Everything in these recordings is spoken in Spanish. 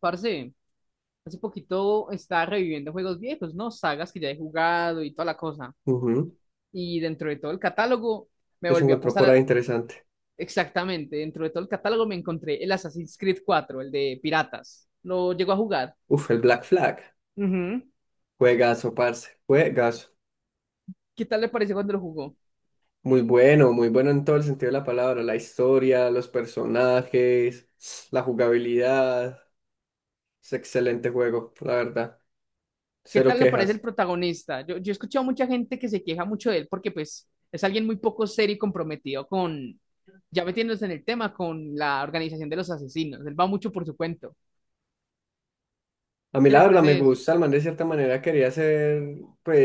Parce, hace poquito estaba reviviendo juegos viejos, ¿no? Sagas que ya he jugado y toda la cosa. Ujú. Y dentro de todo el catálogo me ¿Qué se volvió a encontró pasar por ahí interesante? exactamente. Dentro de todo el catálogo me encontré el Assassin's Creed IV, el de Piratas. Lo llegó a jugar. Uf, el Black Flag. Ujú. Juegazo, parce. Juegazo. ¿Qué tal le parece cuando lo jugó? Muy bueno, muy bueno en todo el sentido de la palabra. La historia, los personajes, la jugabilidad. Es excelente juego, la verdad. ¿Qué Cero tal le parece el quejas. protagonista? Yo he escuchado a mucha gente que se queja mucho de él porque pues es alguien muy poco serio y comprometido con, ya metiéndose en el tema, con la organización de los asesinos. Él va mucho por su cuento. A mí ¿Qué la le verdad me parece gusta, el man de cierta manera quería ser, pues,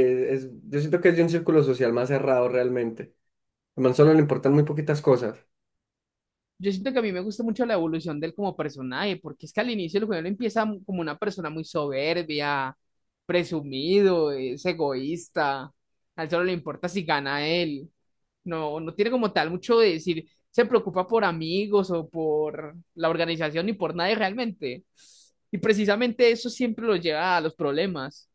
yo siento que es de un círculo social más cerrado realmente. Al man solo le importan muy poquitas cosas. Yo siento que a mí me gusta mucho la evolución de él como personaje, porque es que al inicio el juego él empieza como una persona muy soberbia, presumido, es egoísta. A él solo le importa si gana él. No, no tiene como tal mucho de decir, se preocupa por amigos o por la organización ni por nadie realmente. Y precisamente eso siempre lo lleva a los problemas.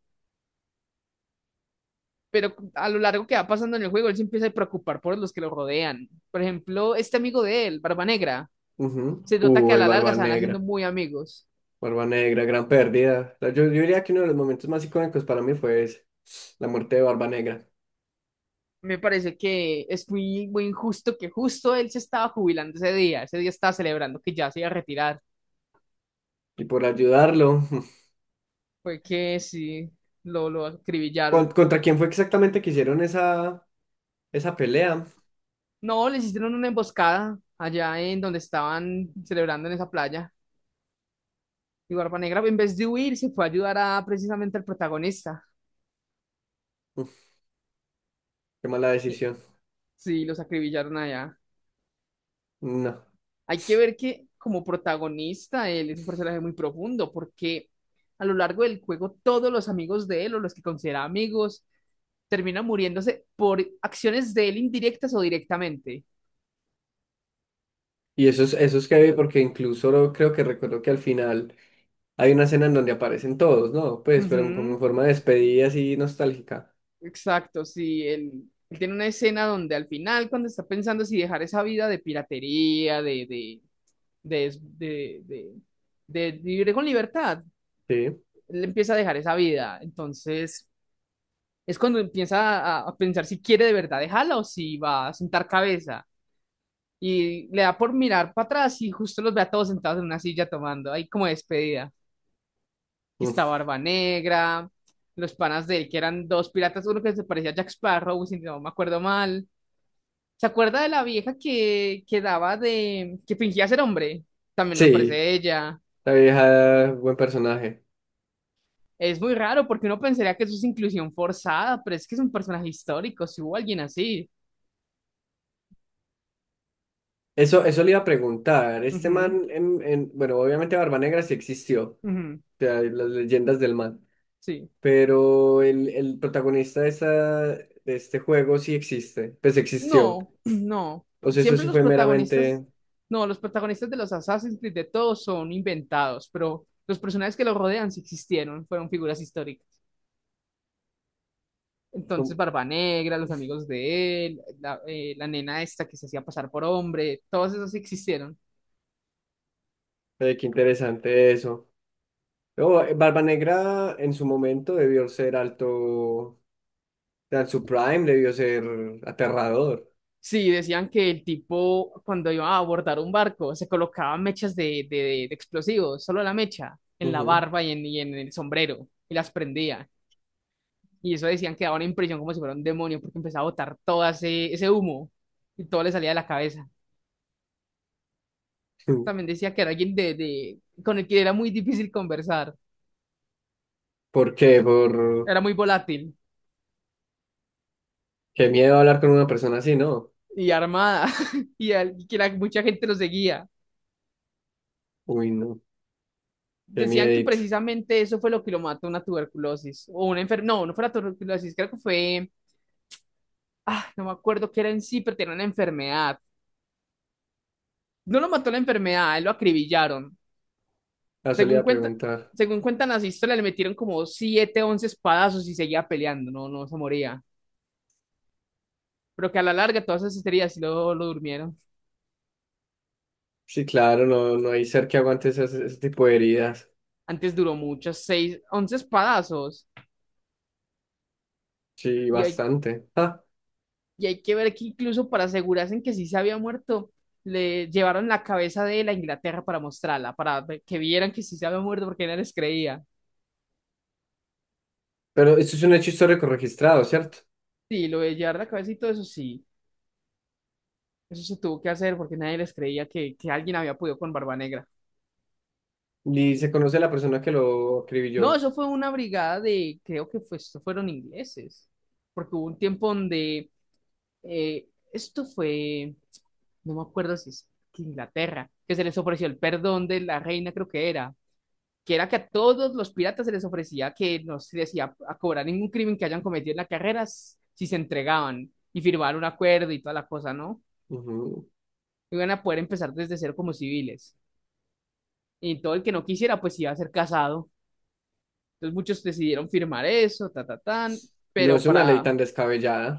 Pero a lo largo que va pasando en el juego, él se empieza a preocupar por los que lo rodean. Por ejemplo, este amigo de él, Barba Negra. Ujú. Se nota que a El la larga Barba se van haciendo Negra. muy amigos. Barba Negra, gran pérdida. O sea, yo diría que uno de los momentos más icónicos para mí fue ese, la muerte de Barba Negra. Me parece que es muy, muy injusto que justo él se estaba jubilando ese día estaba celebrando que ya se iba a retirar. Y por ayudarlo, Fue que sí, lo acribillaron. ¿contra quién fue exactamente que hicieron esa, esa pelea? No, les hicieron una emboscada allá en donde estaban celebrando en esa playa. Y Barba Negra, en vez de huir, se fue a ayudar a precisamente al protagonista. Mm, qué mala Y- decisión. Sí, los acribillaron allá. No. Hay que ver que como protagonista él es un personaje muy profundo porque a lo largo del juego todos los amigos de él o los que considera amigos terminan muriéndose por acciones de él, indirectas o directamente. Y eso es heavy porque incluso creo que recuerdo que al final hay una escena en donde aparecen todos, ¿no? Pues, pero como Ujú. en forma de despedida así nostálgica. Exacto, sí, él tiene una escena donde al final cuando está pensando si dejar esa vida de piratería, de, es- de vivir con libertad, Sí. él empieza a dejar esa vida. Entonces, es cuando empieza a pensar si quiere de verdad dejarla o si va a sentar cabeza. Y le da por mirar para atrás y justo los ve a todos sentados en una silla tomando ahí como despedida. Que Mm. está Barba Negra, los panas de él, que eran dos piratas, uno que se parecía a Jack Sparrow, si no me acuerdo mal. ¿Se acuerda de la vieja que que fingía ser hombre? También me Sí, aparece ella. la vieja, buen personaje. Es muy raro porque uno pensaría que eso es inclusión forzada, pero es que es un personaje histórico, si hubo alguien así. Eso le iba a preguntar. Este Ujú, man, bueno, obviamente Barba Negra sí existió, o ujú, sea, las leyendas del man, sí. pero el protagonista de, esta, de este juego sí existe, pues existió. No, no. O sea, eso Siempre sí los fue protagonistas, meramente, no, los protagonistas de los Assassin's Creed de todos son inventados, pero los personajes que lo rodean sí existieron, fueron figuras históricas. Entonces, como, Barba Negra, los amigos de él, la, la nena esta que se hacía pasar por hombre, todos esos sí existieron. Qué interesante eso. Pero, Barba Negra en su momento debió ser alto, o sea, en su prime debió ser aterrador. Sí, decían que el tipo cuando iba a abordar un barco se colocaba mechas de explosivos, solo la mecha, en la Ujú. barba y en el sombrero, y las prendía. Y eso decían que daba una impresión como si fuera un demonio, porque empezaba a botar todo ese, ese humo y todo le salía de la cabeza. También decía que era alguien con el que era muy difícil conversar, ¿Por qué? Por era muy volátil qué miedo hablar con una persona así, ¿no? y armada, y, y que mucha gente lo seguía. Uy, no, qué Decían que miedito. precisamente eso fue lo que lo mató, una tuberculosis o una enfermedad. No, no fue la tuberculosis, creo que fue. Ah, no me acuerdo qué era en sí, pero tenía una enfermedad. No lo mató la enfermedad, a él lo acribillaron. Ah, Según solía cuenta, preguntar. Según cuentan las historias, le metieron como 7 11 espadazos y seguía peleando, no, no se moría. Pero que a la larga todas esas heridas sí lo durmieron. Sí, claro, no, no hay ser que aguante esas- ese tipo de heridas. Antes duró muchas, 6 11 espadazos. Sí, Y hay, bastante. Ah, y hay que ver que incluso para asegurarse en que sí se había muerto, le llevaron la cabeza de él a Inglaterra para mostrarla, para que vieran que sí se había muerto porque nadie les creía. pero esto es un hecho histórico registrado, ¿cierto? Sí, lo de llevar la cabeza y todo eso sí, eso se tuvo que hacer porque nadie les creía que alguien había podido con Barba Negra. Y se conoce a la persona que lo No, escribió. eso fue una brigada de, creo que fue, esto fueron ingleses, porque hubo un tiempo donde, esto fue, no me acuerdo si es que Inglaterra, que se les ofreció el perdón de la reina, creo que era, que era que a todos los piratas se les ofrecía que no se les iba a cobrar ningún crimen que hayan cometido en la carrera si se entregaban y firmaban un acuerdo y toda la cosa, ¿no? Ujú. Iban a poder empezar desde cero como civiles. Y todo el que no quisiera, pues iba a ser casado. Entonces muchos decidieron firmar eso, No pero es una ley para tan descabellada.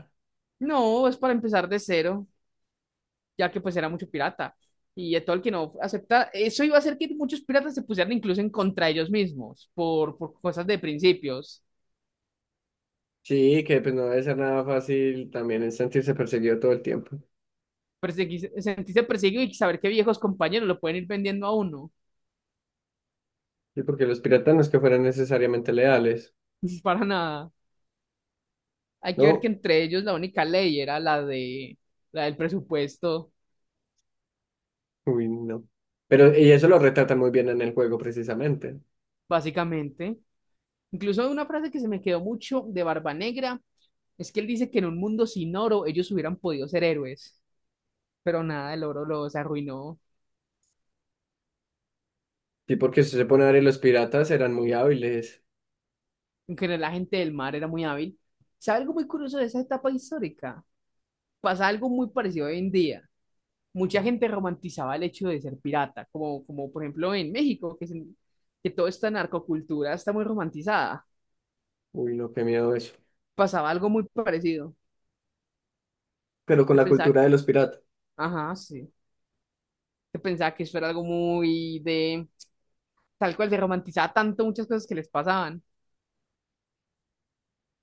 No, es para empezar de cero, ya que pues era mucho pirata. Y Tolkien no acepta, eso iba a hacer que muchos piratas se pusieran incluso en contra de ellos mismos, por cosas de principios. Sí, que pues no debe ser nada fácil también es sentirse perseguido todo el tiempo. Sentirse perseguido y saber que viejos compañeros lo pueden ir vendiendo a uno, Sí, porque los piratas no es que fueran necesariamente leales. para nada. Hay que ver que No, entre ellos la única ley era la del presupuesto, uy, no. Pero y eso lo retratan muy bien en el juego, precisamente. básicamente. Incluso una frase que se me quedó mucho de Barba Negra es que él dice que en un mundo sin oro ellos hubieran podido ser héroes, pero nada, el oro los arruinó. Sí, porque si se pone a ver, los piratas eran muy hábiles. En general, la gente del mar era muy hábil. ¿Sabe algo muy curioso de esa etapa histórica? Pasa algo muy parecido hoy en día. Mucha gente romantizaba el hecho de ser pirata, como, como por ejemplo en México, que, que toda esta narcocultura está muy romantizada. Uy, no, qué miedo eso. Pasaba algo muy parecido. Pero con Se la pensaba, cultura de los piratas. ajá, sí. Se pensaba que eso era algo muy de, tal cual, se romantizaba tanto muchas cosas que les pasaban.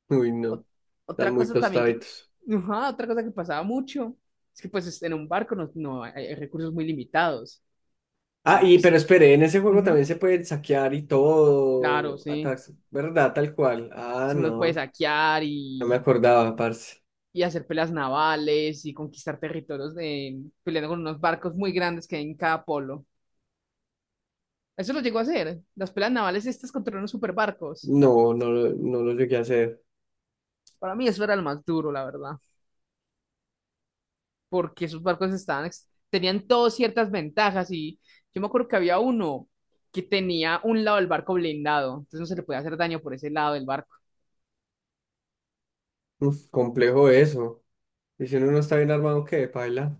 Uy, no, Ot- están Otra muy cosa también que, tostaditos. ajá, otra cosa que pasaba mucho es que pues en un barco no, no hay, recursos muy limitados Ah, y y pues pero espere, en ese juego ujú, también se puede saquear y claro, todo. sí, Ataques, ¿verdad? Tal cual. Ah, si uno puede no, saquear no me y, acordaba, parce. y hacer peleas navales y conquistar territorios de, peleando con unos barcos muy grandes que hay en cada polo. Eso lo llegó a hacer, las peleas navales estas contra unos superbarcos. No, no, no lo llegué a hacer. Para mí eso era lo más duro, la verdad, porque esos barcos estaban, tenían todas ciertas ventajas y yo me acuerdo que había uno que tenía un lado del barco blindado, entonces no se le podía hacer daño por ese lado del barco. Mm, complejo eso. Y si uno no está bien armado, ¿qué? Paila.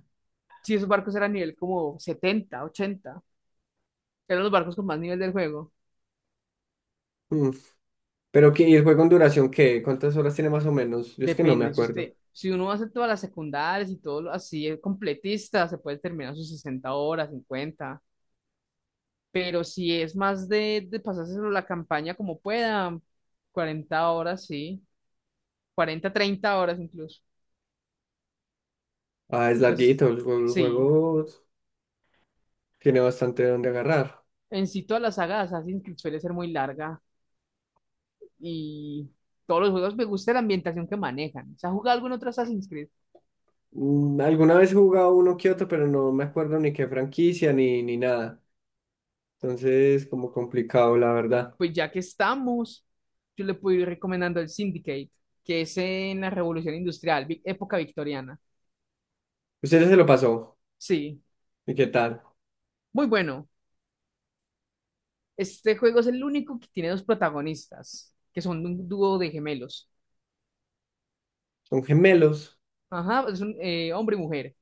Si esos barcos eran nivel como 70 ochenta, eran los barcos con más nivel del juego. Mm, pero qué, ¿y el juego en duración qué? ¿Cuántas horas tiene más o menos? Yo es que no me Depende, si usted, acuerdo. si uno hace todas las secundarias y todo lo así, es completista, se puede terminar sus 60 horas, cincuenta, pero si es más de pasárselo la campaña como pueda, 40 horas, sí, 40 30 horas incluso. Ah, es Entonces, larguito, el sí, juego tiene bastante donde agarrar. en sí toda la saga de Assassin's Creed suele ser muy larga y todos los juegos me gusta la ambientación que manejan. ¿Se ha jugado algún otro Assassin's Creed? Mm, alguna vez he jugado uno que otro, pero no me acuerdo ni qué franquicia ni, ni nada. Entonces, como complicado, la verdad. Pues ya que estamos, yo le puedo ir recomendando el Syndicate, que es en la Revolución Industrial, época victoriana. ¿Ustedes se lo pasó? Sí, ¿Y qué tal? muy bueno. Este juego es el único que tiene dos protagonistas, que son un dúo de gemelos. ¿Son gemelos? Ajá, es un hombre y mujer.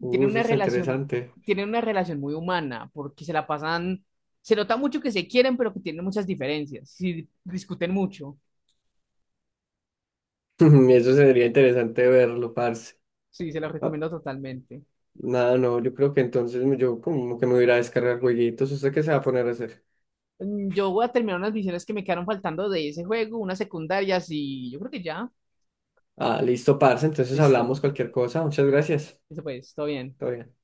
Tienen Eso una está relación, interesante. tienen una relación muy humana, porque se la pasan, se nota mucho que se quieren, pero que tienen muchas diferencias, sí, discuten mucho, Eso sería interesante verlo, parce. sí, se los Ah, recomiendo totalmente. nada, no, yo creo que entonces yo como que me voy a ir a descargar jueguitos. ¿Usted qué se va a poner a hacer? Mm, yo voy a terminar unas misiones que me quedaron faltando de ese juego, unas secundarias y yo creo que ya, Ah, listo, parce. Entonces hablamos listo, cualquier cosa. Muchas gracias. eso pues, todo bien. Todo bien.